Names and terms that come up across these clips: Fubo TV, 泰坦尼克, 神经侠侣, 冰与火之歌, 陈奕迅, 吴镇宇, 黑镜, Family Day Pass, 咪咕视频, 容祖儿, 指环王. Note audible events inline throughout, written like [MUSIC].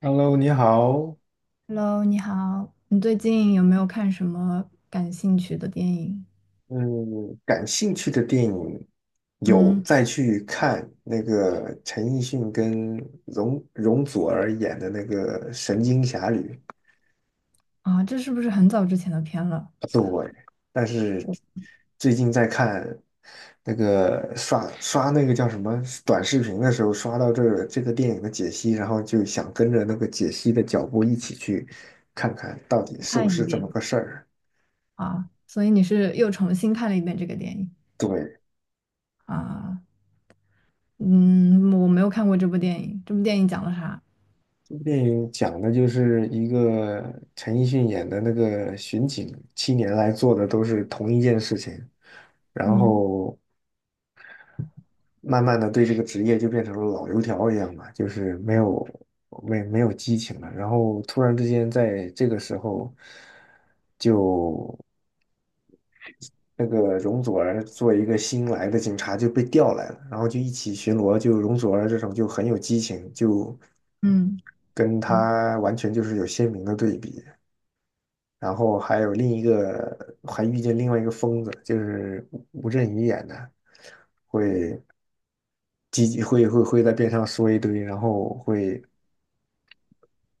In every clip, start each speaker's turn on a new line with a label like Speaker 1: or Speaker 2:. Speaker 1: Hello，你好。
Speaker 2: Hello，你好，你最近有没有看什么感兴趣的电影？
Speaker 1: 嗯，感兴趣的电影有
Speaker 2: 嗯。
Speaker 1: 再去看那个陈奕迅跟容祖儿演的那个《神经侠侣》，
Speaker 2: 啊，这是不是很早之前的片了？
Speaker 1: 对。但是最近在看那个刷刷那个叫什么短视频的时候，刷到这个电影的解析，然后就想跟着那个解析的脚步一起去看看到底是不
Speaker 2: 看一
Speaker 1: 是这么
Speaker 2: 遍
Speaker 1: 个事儿。
Speaker 2: 啊，所以你是又重新看了一遍这个电影。
Speaker 1: 对，
Speaker 2: 啊？嗯，我没有看过这部电影，这部电影讲了啥？
Speaker 1: 这部电影讲的就是一个陈奕迅演的那个巡警，7年来做的都是同一件事情，然
Speaker 2: 嗯
Speaker 1: 后慢慢的对这个职业就变成了老油条一样嘛，就是没有激情了。然后突然之间在这个时候，就那个容祖儿做一个新来的警察就被调来了，然后就一起巡逻，就容祖儿这种就很有激情，就
Speaker 2: 嗯
Speaker 1: 跟
Speaker 2: 嗯。
Speaker 1: 他完全就是有鲜明的对比。然后还有另一个还遇见另外一个疯子，就是吴镇宇演的，叽叽会在边上说一堆，然后会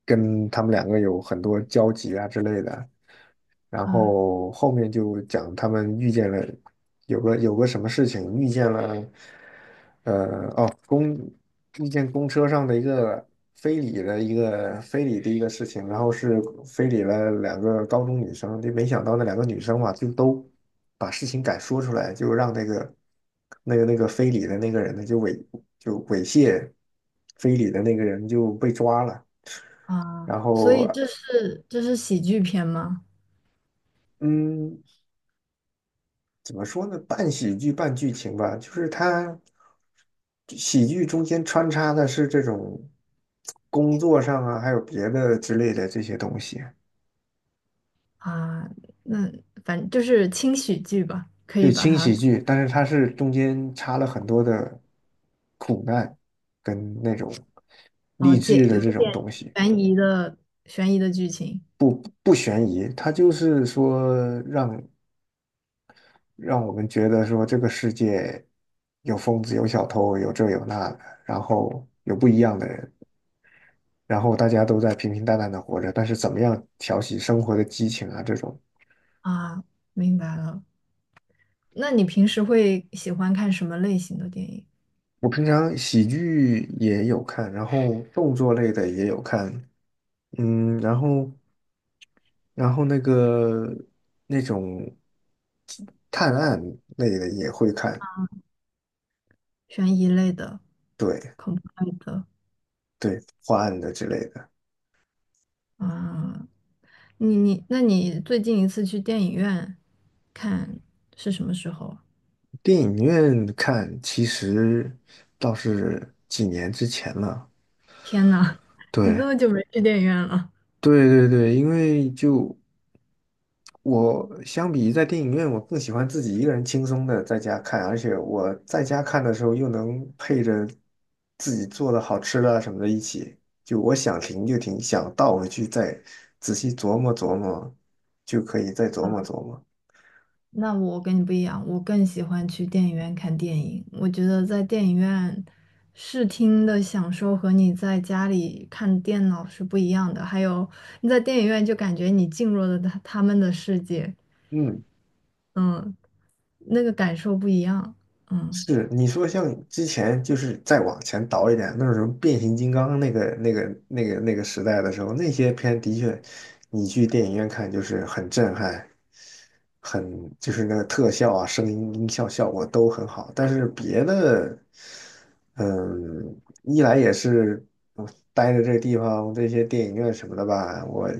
Speaker 1: 跟他们两个有很多交集啊之类的。然
Speaker 2: 啊
Speaker 1: 后后面就讲他们遇见了有个什么事情，遇见了。遇见公车上的一个非礼的一个事情，然后是非礼了两个高中女生，就没想到那两个女生嘛，就都把事情敢说出来，就让那个那个非礼的那个人呢，就猥亵非礼的那个人就被抓了，
Speaker 2: 啊，
Speaker 1: 然
Speaker 2: 所
Speaker 1: 后
Speaker 2: 以这是喜剧片吗？
Speaker 1: 嗯，怎么说呢？半喜剧半剧情吧，就是它喜剧中间穿插的是这种工作上啊，还有别的之类的这些东西，
Speaker 2: 啊，那反正就是轻喜剧吧，可
Speaker 1: 对，
Speaker 2: 以把
Speaker 1: 轻喜
Speaker 2: 它。
Speaker 1: 剧，但是它是中间插了很多的苦难跟那种
Speaker 2: 啊
Speaker 1: 励
Speaker 2: 借
Speaker 1: 志的
Speaker 2: 有一
Speaker 1: 这种
Speaker 2: 点
Speaker 1: 东西，
Speaker 2: 悬疑的悬疑的剧情。
Speaker 1: 不悬疑，它就是说让让我们觉得说这个世界有疯子，有小偷，有这有那的，然后有不一样的人。然后大家都在平平淡淡的活着，但是怎么样挑起生活的激情啊？这种，
Speaker 2: 啊，明白了。那你平时会喜欢看什么类型的电影？
Speaker 1: 我平常喜剧也有看，然后动作类的也有看，嗯，然后那个那种探案类的也会看，
Speaker 2: 悬疑类的、
Speaker 1: 对
Speaker 2: 恐怖类的。
Speaker 1: 对，破案的之类的。
Speaker 2: 啊？那你最近一次去电影院看是什么时候啊？
Speaker 1: 电影院看其实倒是几年之前了，
Speaker 2: 天呐，[LAUGHS] 你这
Speaker 1: 对。
Speaker 2: 么久没去电影院了。
Speaker 1: 对对对，因为就我相比在电影院，我更喜欢自己一个人轻松的在家看，而且我在家看的时候又能配着自己做的好吃的啊什么的一起，就我想停就停，想倒回去再仔细琢磨琢磨，就可以再琢磨琢磨。
Speaker 2: 那我跟你不一样，我更喜欢去电影院看电影。我觉得在电影院视听的享受和你在家里看电脑是不一样的。还有你在电影院就感觉你进入了他们的世界。
Speaker 1: 嗯。
Speaker 2: 嗯，那个感受不一样。嗯
Speaker 1: 是你说像之前就是再往前倒一点，那种什么变形金刚那个时代的时候，那些片的确，你去电影院看就是很震撼，很就是那个特效啊、声音音效效果都很好。但是别的，嗯，一来也是我待着这个地方这些电影院什么的吧，我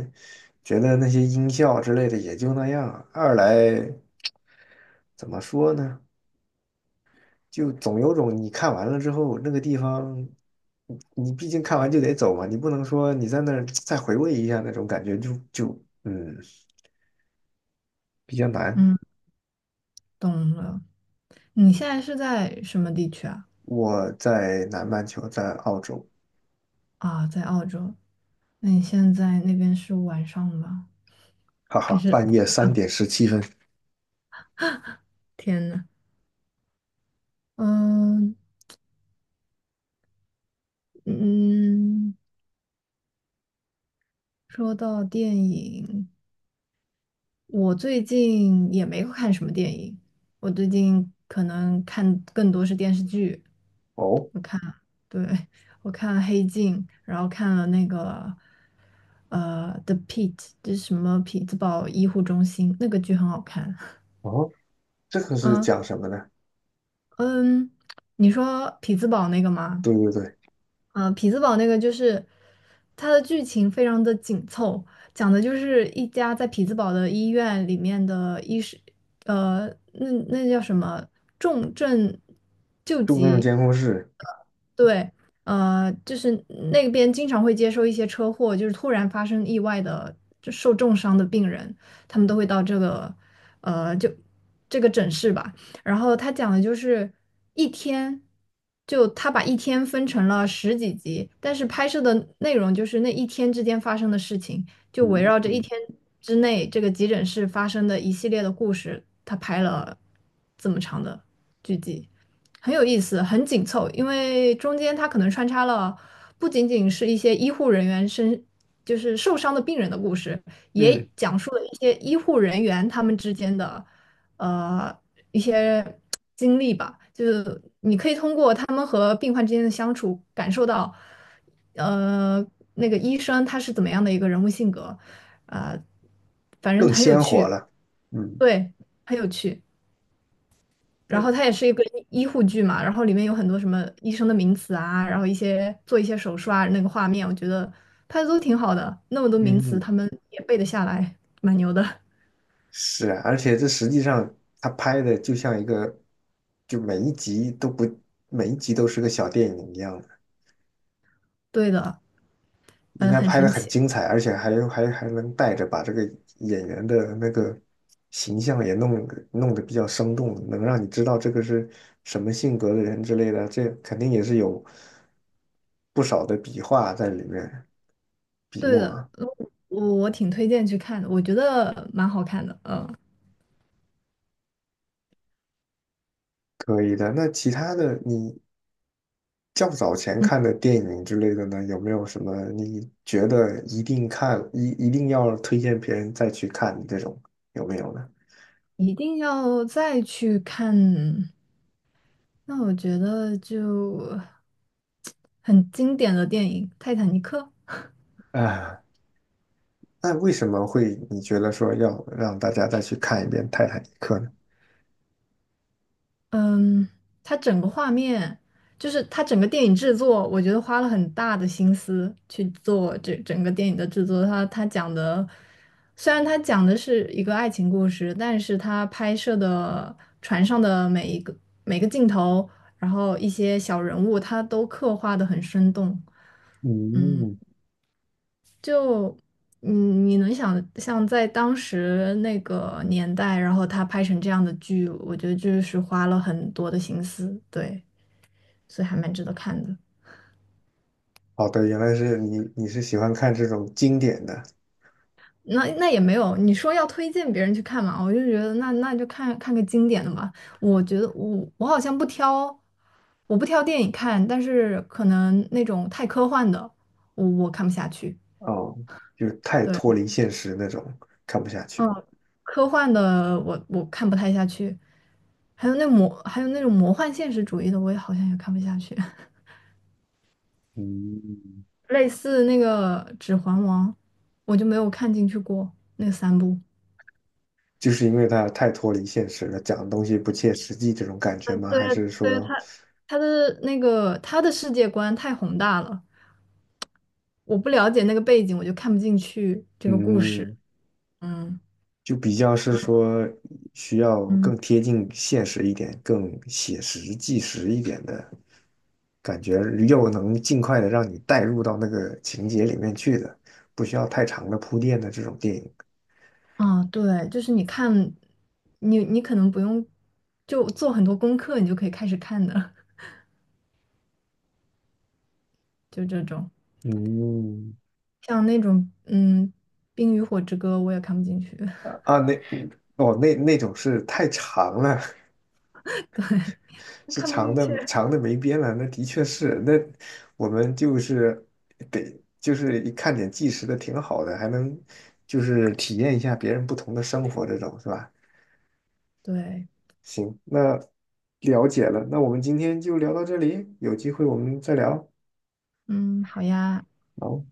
Speaker 1: 觉得那些音效之类的也就那样；二来怎么说呢？就总有种你看完了之后那个地方，你你毕竟看完就得走嘛，你不能说你在那儿再回味一下那种感觉就比较难。
Speaker 2: 嗯，懂了。你现在是在什么地区啊？
Speaker 1: 我在南半球，在澳洲，
Speaker 2: 啊，在澳洲。那你现在那边是晚上吗？
Speaker 1: 哈
Speaker 2: 还
Speaker 1: 哈，
Speaker 2: 是
Speaker 1: 半夜3:17。
Speaker 2: 天呐。嗯嗯，说到电影，我最近也没有看什么电影，我最近可能看更多是电视剧。
Speaker 1: 哦
Speaker 2: 我看，对，我看了《黑镜》，然后看了那个《The Pit》， 这是什么匹兹堡医护中心，那个剧很好看。
Speaker 1: 哦，这个是
Speaker 2: 嗯。
Speaker 1: 讲什么呢？
Speaker 2: 嗯，你说匹兹堡那个吗？
Speaker 1: 对对对，
Speaker 2: 啊，匹兹堡那个就是它的剧情非常的紧凑，讲的就是一家在匹兹堡的医院里面的医师，呃，那叫什么重症救
Speaker 1: 重症
Speaker 2: 急，
Speaker 1: 监控室，
Speaker 2: 对，就是那边经常会接受一些车祸，就是突然发生意外的就受重伤的病人，他们都会到这个就这个诊室吧。然后他讲的就是一天，就他把一天分成了十几集，但是拍摄的内容就是那一天之间发生的事情，就围绕着一
Speaker 1: 嗯
Speaker 2: 天之内这个急诊室发生的一系列的故事，他拍了这么长的剧集，很有意思，很紧凑，因为中间他可能穿插了不仅仅是一些医护人员身。就是受伤的病人的故事，
Speaker 1: 嗯，
Speaker 2: 也讲述了一些医护人员他们之间的呃一些经历吧，就是你可以通过他们和病患之间的相处，感受到，呃，那个医生他是怎么样的一个人物性格，啊、反正
Speaker 1: 更
Speaker 2: 很有
Speaker 1: 鲜活
Speaker 2: 趣，
Speaker 1: 了。嗯，
Speaker 2: 对，很有趣。
Speaker 1: 那
Speaker 2: 然后
Speaker 1: 嗯。
Speaker 2: 它也是一个医护剧嘛，然后里面有很多什么医生的名词啊，然后一些做一些手术啊，那个画面，我觉得拍的都挺好的，那么多名词
Speaker 1: 嗯
Speaker 2: 他们也背得下来，蛮牛的。
Speaker 1: 是啊，而且这实际上他拍的就像一个，就每一集都不，每一集都是个小电影一样的，
Speaker 2: 对的，
Speaker 1: 应
Speaker 2: 嗯，
Speaker 1: 该
Speaker 2: 很
Speaker 1: 拍的
Speaker 2: 神
Speaker 1: 很
Speaker 2: 奇。
Speaker 1: 精彩，而且还能带着把这个演员的那个形象也弄得比较生动，能让你知道这个是什么性格的人之类的，这肯定也是有不少的笔画在里面，笔
Speaker 2: 对
Speaker 1: 墨
Speaker 2: 的，
Speaker 1: 啊，
Speaker 2: 呃我挺推荐去看的，我觉得蛮好看的。嗯
Speaker 1: 可以的。那其他的你较早前
Speaker 2: 嗯，
Speaker 1: 看的电影之类的呢，有没有什么你觉得一定看，一定要推荐别人再去看的这种，有没有呢？
Speaker 2: 一定要再去看。那我觉得就 [TSK] 很经典的电影《泰坦尼克》。
Speaker 1: 啊，那为什么会你觉得说要让大家再去看一遍《泰坦尼克》呢？
Speaker 2: 嗯，它整个画面，就是它整个电影制作，我觉得花了很大的心思去做这整个电影的制作。它讲的，虽然它讲的是一个爱情故事，但是它拍摄的船上的每个镜头，然后一些小人物，他都刻画的很生动。
Speaker 1: 嗯，
Speaker 2: 嗯，你能想象在当时那个年代，然后他拍成这样的剧，我觉得就是花了很多的心思，对。所以还蛮值得看的。
Speaker 1: 好的，原来是你，你是喜欢看这种经典的
Speaker 2: 那也没有，你说要推荐别人去看嘛，我就觉得那就看看个经典的吧。我觉得我好像不挑，我不挑电影看，但是可能那种太科幻的，我看不下去。
Speaker 1: 哦，就是太
Speaker 2: 对，
Speaker 1: 脱离现实那种，看不下去。
Speaker 2: 嗯，科幻的我看不太下去，还有那种魔幻现实主义的，我也好像也看不下去。[LAUGHS]
Speaker 1: 嗯，
Speaker 2: 类似那个《指环王》，我就没有看进去过那三部。
Speaker 1: 就是因为它太脱离现实了，讲的东西不切实际这种感觉吗？
Speaker 2: 对
Speaker 1: 还
Speaker 2: 啊
Speaker 1: 是
Speaker 2: 对啊，
Speaker 1: 说，
Speaker 2: 他的世界观太宏大了，我不了解那个背景，我就看不进去这个故
Speaker 1: 嗯？
Speaker 2: 事。嗯。
Speaker 1: 就比较是说需要
Speaker 2: 嗯，
Speaker 1: 更贴近现实一点、更写实纪实一点的感觉，又能尽快的让你带入到那个情节里面去的，不需要太长的铺垫的这种电影。
Speaker 2: 啊，对，就是你看，你可能不用就做很多功课，你就可以开始看的，[LAUGHS] 就这种。
Speaker 1: 嗯，
Speaker 2: 像那种《冰与火之歌》，我也看不进去，
Speaker 1: 啊，那哦，那那种是太长了，
Speaker 2: [LAUGHS] 对，
Speaker 1: [LAUGHS] 是
Speaker 2: 看不
Speaker 1: 长
Speaker 2: 进去。
Speaker 1: 的长的没边了。那的确是，那我们就是得就是一看点纪实的挺好的，还能就是体验一下别人不同的生活，这种是吧？
Speaker 2: 对，
Speaker 1: 行，那了解了，那我们今天就聊到这里，有机会我们再聊。
Speaker 2: 嗯，好呀。
Speaker 1: 好。